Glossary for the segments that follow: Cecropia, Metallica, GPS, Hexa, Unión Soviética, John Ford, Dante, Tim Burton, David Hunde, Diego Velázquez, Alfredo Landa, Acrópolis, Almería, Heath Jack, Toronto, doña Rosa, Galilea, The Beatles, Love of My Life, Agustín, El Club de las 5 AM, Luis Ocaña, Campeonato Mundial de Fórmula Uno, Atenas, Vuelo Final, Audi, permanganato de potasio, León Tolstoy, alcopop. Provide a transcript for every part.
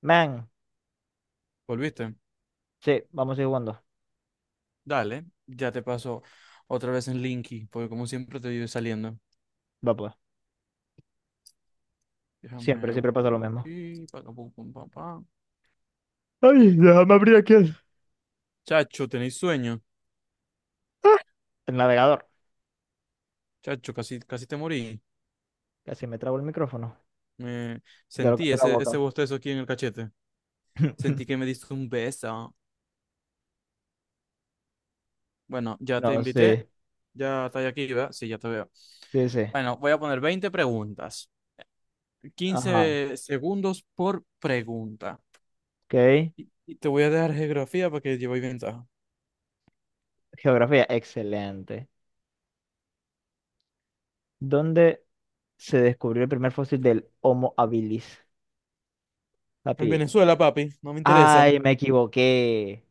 Man, ¿Volviste? sí, vamos a seguir jugando. Dale, ya te paso otra vez en Linky, porque como siempre te vive saliendo. Va pues. Siempre, Déjame siempre pasa lo buscarlo mismo. aquí. Pa, pa, pum, pum, pa, pa. Ay, déjame abrir aquí el... Chacho, ¿tenéis sueño? ¡Ah! El navegador. Chacho, casi, casi te morí. Casi me trabo el micrófono. Me De lo que sentí hace la ese boca. bostezo aquí en el cachete. Sentí que me diste un beso. Bueno, ya te No, invité. sí. Ya estás aquí, ¿verdad? Sí, ya te veo. Sí, sí. Bueno, voy a poner 20 preguntas. Ajá. 15 segundos por pregunta. Ok. Y te voy a dejar geografía para que llevéis ventaja. Geografía, excelente. ¿Dónde se descubrió el primer fósil del Homo habilis? En Papi. Venezuela, papi, no me interesa. Ay, me equivoqué.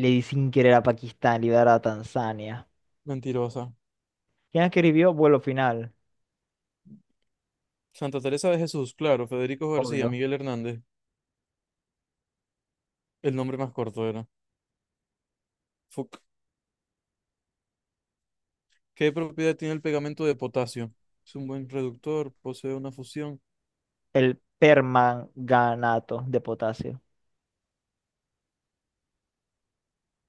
Le di sin querer a Pakistán, le iba a dar a Tanzania. Mentirosa. ¿Quién escribió Vuelo Final? Santa Teresa de Jesús, claro, Federico García, Obvio. Miguel Hernández. El nombre más corto era. Fuck. ¿Qué propiedad tiene el pegamento de potasio? Es un buen reductor, posee una fusión. El permanganato de potasio.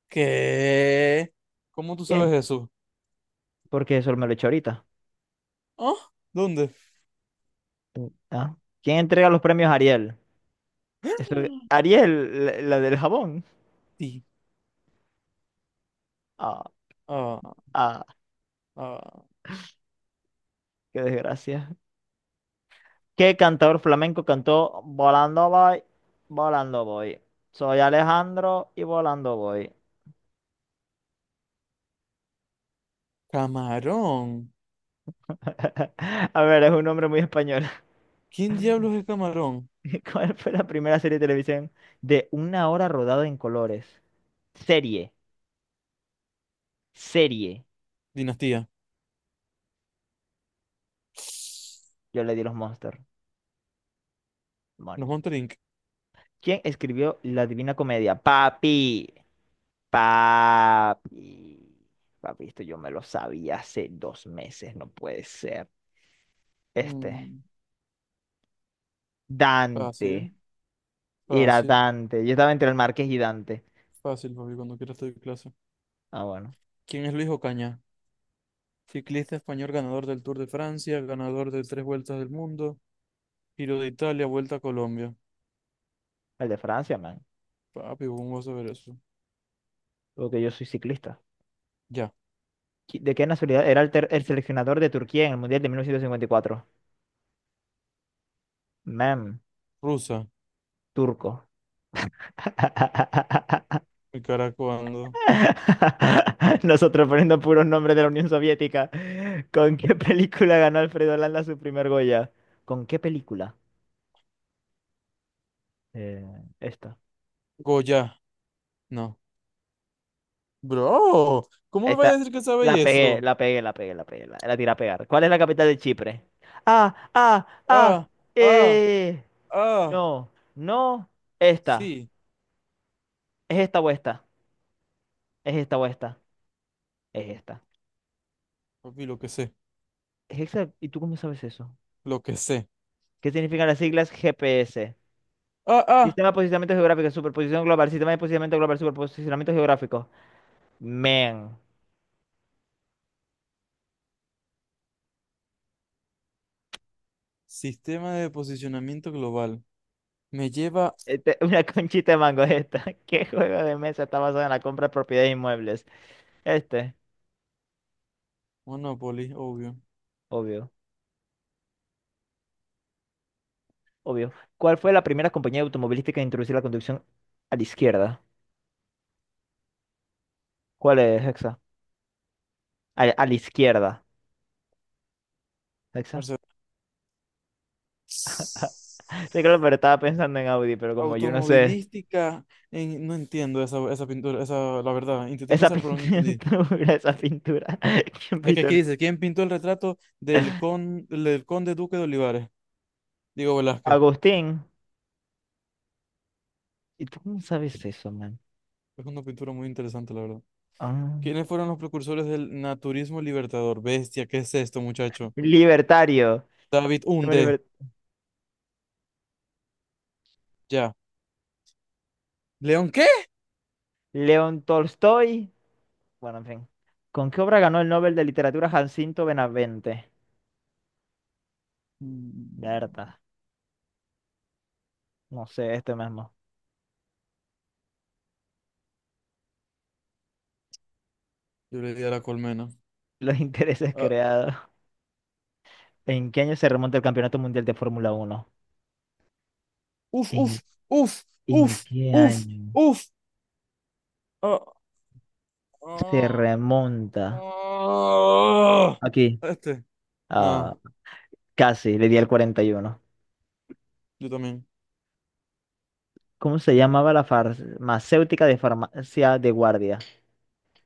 ¿Qué? ¿Cómo tú ¿Qué? sabes eso? Porque eso me lo he hecho ahorita. ¿Ah? ¿Dónde? Ah. ¿Quién entrega los premios Ariel? Eso- Ariel, la del jabón. Sí. Ah, Ah, ah, ah. qué desgracia. ¿Qué cantador flamenco cantó Volando voy, volando voy? Soy Alejandro y volando voy. Camarón. A ver, es un nombre muy español. ¿Quién diablos es Camarón? ¿Cuál fue la primera serie de televisión de una hora rodada en colores? Serie, serie. Dinastía. Yo le di los Monster. Los Demonios. Monterink. ¿Quién escribió La Divina Comedia? Papi, papi, papi, esto yo me lo sabía hace 2 meses, no puede ser. Este, Mm, fácil, Dante, era fácil, Dante. Yo estaba entre el Marqués y Dante. fácil, papi, cuando quieras te doy clase. Ah, bueno, ¿Quién es Luis Ocaña? Ciclista español ganador del Tour de Francia, ganador de tres vueltas del mundo, Giro de Italia, Vuelta a Colombia. el de Francia, man, Papi, ¿cómo vas a ver eso? porque yo soy ciclista. Ya. ¿De qué nacionalidad era el seleccionador de Turquía en el Mundial de 1954? Man, Rusa. turco. Mi cara cuando. Nosotros poniendo puros nombres de la Unión Soviética. ¿Con qué película ganó Alfredo Landa su primer Goya? ¿Con qué película? Eh, esta. Goya. No. Bro, ¿cómo me vas a Esta. decir que sabéis La pegué, eso? la pegué, la pegué, la pegué. La tiré a pegar. ¿Cuál es la capital de Chipre? Ah, ah, ah. Ah, ah, Eh. ah. No, no. Esta. Sí. ¿Es esta o esta? ¿Es esta o esta? Es esta. Papi, lo que sé. ¿Es esa? ¿Y tú cómo sabes eso? Lo que sé. ¿Qué significan las siglas GPS? Ah, ah. Sistema de posicionamiento geográfico, superposición global, sistema de posicionamiento global, superposicionamiento geográfico. Man, Sistema de posicionamiento global. Me lleva este, una conchita de mango es esta. ¿Qué juego de mesa está basado en la compra de propiedades de inmuebles? Este, Monopoly, obvio. obvio, obvio. ¿Cuál fue la primera compañía automovilística en introducir la conducción a la izquierda? ¿Cuál es, Hexa? A la izquierda, Hexa. Mercedes. Sí, claro, pero estaba pensando en Audi, pero como yo no sé. Automovilística, no entiendo esa pintura, esa, la verdad, intenté Esa pensar, pero no pintura, entendí. esa pintura. ¿Quién Es que pintó? aquí dice, ¿quién pintó el retrato del conde duque de Olivares? Diego Velázquez. Agustín. ¿Y tú cómo sabes eso, man? Es una pintura muy interesante, la verdad. Ah. ¿Quiénes fueron los precursores del naturismo libertador? Bestia, ¿qué es esto, muchacho? Libertario. David Hunde, liber- ya. ¿León qué? León Tolstoy. Bueno, en fin. ¿Con qué obra ganó el Nobel de Literatura Jacinto Benavente? Mm, Berta. No sé, este mismo. Yo le di a la colmena. Los intereses Ah, creados. ¿En qué año se remonta el Campeonato Mundial de Fórmula Uno? uf, ¿En, uf, uf, ¿en uf, qué uf, año uf. Ah, se ah, remonta? ah. Aquí. Este. Ah, No, casi, le di al 41. yo también. ¿Cómo se llamaba la farmacéutica de farmacia de guardia?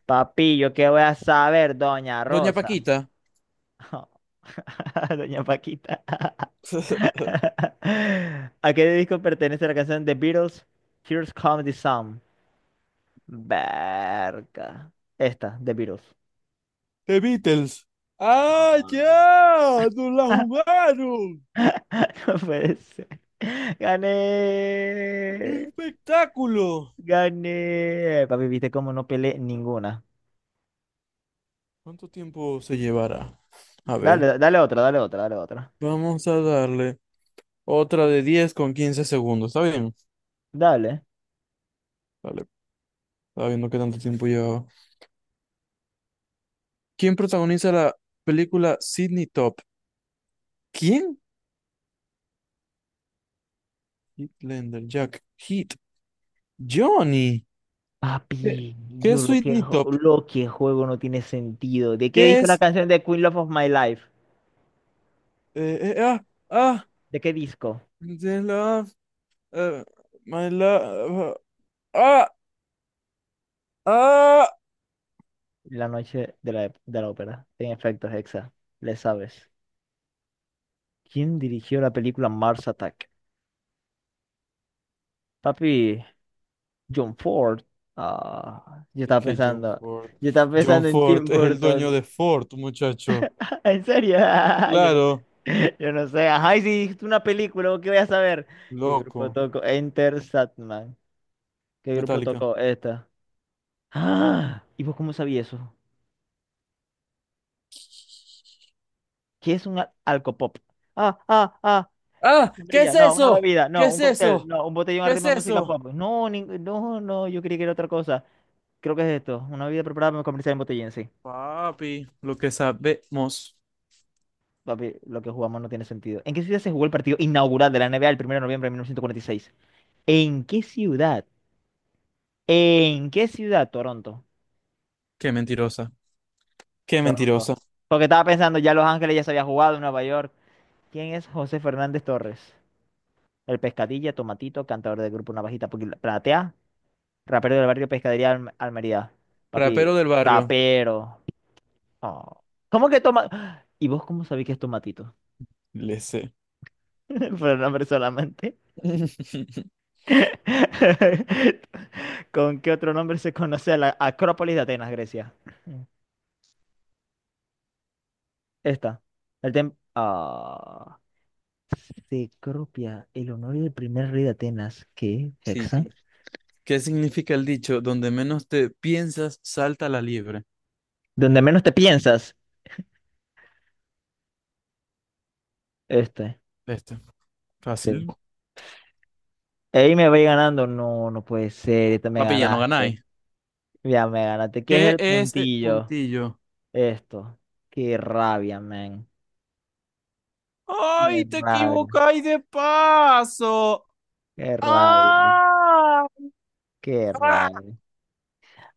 Papi, ¿yo qué voy a saber, doña Doña Rosa? Paquita. Oh. Doña Paquita. ¿A qué disco pertenece la canción The Beatles? Here's Come the Sun. Verga. Esta, The Beatles. The Beatles. ¡Ah, ya! ¡Nos la Ah, jugaron! no puede ser. ¡Qué Gané. espectáculo! Gané. Papi, viste cómo no peleé ninguna. ¿Cuánto tiempo se llevará? A ver, Dale, dale otra, dale otra, dale otra. vamos a darle otra de 10 con 15 segundos. ¿Está bien? Dale. Vale, estaba viendo qué tanto tiempo llevaba. ¿Quién protagoniza la película Sidney Top? ¿Quién? Heath Jack, Heat, Johnny. ¿Qué, Papi, qué yo es Sidney Top? lo que juego no tiene sentido. ¿De qué ¿Qué disco la es? canción de Queen Love of My Life? Eh, eh, ah, ¿De qué disco? ah, Uh, my love. Ah, ah. La noche de la ópera. En efecto, Hexa, le sabes. ¿Quién dirigió la película Mars Attack? Papi, John Ford. Ah, Es que John Ford. yo estaba John pensando en Tim Ford es el dueño Burton. de Ford, muchacho. ¿En serio? Yo no sé. Claro, Yo no sé. Ajá, y si dijiste una película, ¿vos ¿qué voy a saber? ¿Qué grupo loco. tocó? Enter Satman. ¿Qué grupo Metallica. tocó esta? Ah, ¿y vos cómo sabías eso? ¿Qué es un al- ¿Alcopop? Ah, ah, ah, ¡Ah! ¿Qué es Sombrilla, no, una eso? bebida, ¿Qué no, es un cóctel, eso? no, un botellón ¿Qué es arriba de música eso? pop. No, no, yo creí que era otra cosa. Creo que es esto, una bebida preparada para comercial en botellín, sí. Papi, lo que sabemos. Papi, lo que jugamos no tiene sentido. ¿En qué ciudad se jugó el partido inaugural de la NBA el 1 de noviembre de 1946? ¿En qué ciudad? ¿En qué ciudad? Toronto. Qué mentirosa. Qué Toronto. mentirosa. Porque estaba pensando, ya Los Ángeles ya se había jugado, en Nueva York. ¿Quién es José Fernández Torres? El pescadilla, tomatito, cantador del grupo Platea. Rapero del barrio Almería. Rapero Papi, del barrio. rapero. Oh. ¿Cómo que toma? ¿Y vos cómo sabés que es tomatito? Le sé. Por el nombre solamente. ¿Con qué otro nombre se conoce a la Acrópolis de Atenas, Grecia? Esta. El tem... Ah. Cecropia, el honor del primer rey de Atenas. ¿Qué? Sí. Exacto. ¿Qué significa el dicho? Donde menos te piensas, salta la liebre. Donde menos te piensas. Este. Este. Fácil. Sí. Ahí me voy ganando. No, no puede ser. Esta me Papi, ya no ganaste. ganáis. Ya me ganaste. ¿Qué es ¿Qué el es puntillo? puntillo? Esto. Qué rabia, men. Qué ¡Ay, te rabia. equivocáis de paso! Qué rabia. ¡Ah! Qué ¡Ah! rabia.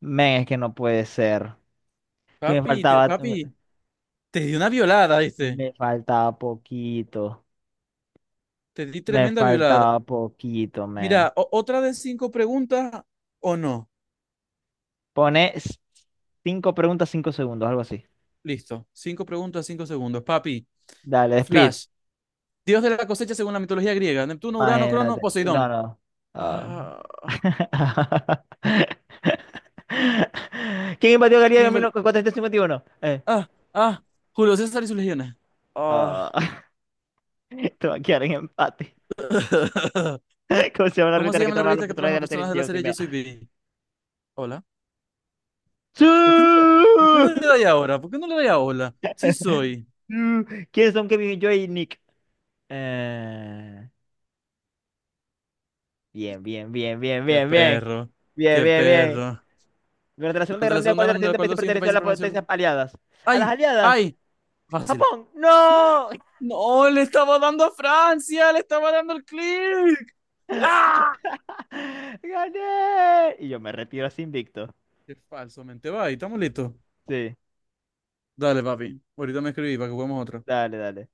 Men, es que no puede ser. Que me Papi, faltaba. papi, te di una violada, ¿viste? Me faltaba poquito. Te di Me tremenda violada. faltaba poquito, men. Mira, otra de cinco preguntas o no. Pone s- 5 preguntas, 5 segundos, algo así. Listo. Cinco preguntas, cinco segundos. Papi, Dale, speed. Flash, dios de la cosecha según la mitología griega. Neptuno, Urano, Crono, Imagínate. No, Poseidón. no. Ah. Ah, ¿Quién invadió Galilea en Kimbel. 1451? Ah, ah, Julio César y sus legiones. Ah. Ah, te va a quedar en empate. ¿Cómo se llama la ¿Cómo ruta en se la que llama la trabajan los revista que personajes trabajan de los la serie? personajes de la Yo soy serie Yo Bea. Soy Vivi? Hola. ¿Por qué no, ¡Sí! por qué no le doy ahora? ¿Por qué no le doy a hola? Sí soy. ¡Sí! ¿Quiénes son Kevin, Joy y Nick? Eh, bien, bien, bien, bien, Qué bien, bien. perro. Bien, Qué bien, bien. perro. Durante la Segunda Durante Guerra la Mundial, Segunda ¿cuál Guerra de los Mundial, siguientes ¿cuál de países los siguientes perteneció a países las permaneció? potencias aliadas? ¿A las ¡Ay! aliadas? ¡Ay! Fácil. ¡Japón! ¡No! No, le estaba dando a Francia, le estaba dando el clic. ¡Ah! ¡Gané! Y yo me retiro así invicto. Qué falsamente va, y estamos listos. Sí, Dale, papi. Ahorita me escribí para que juguemos otra. dale, dale.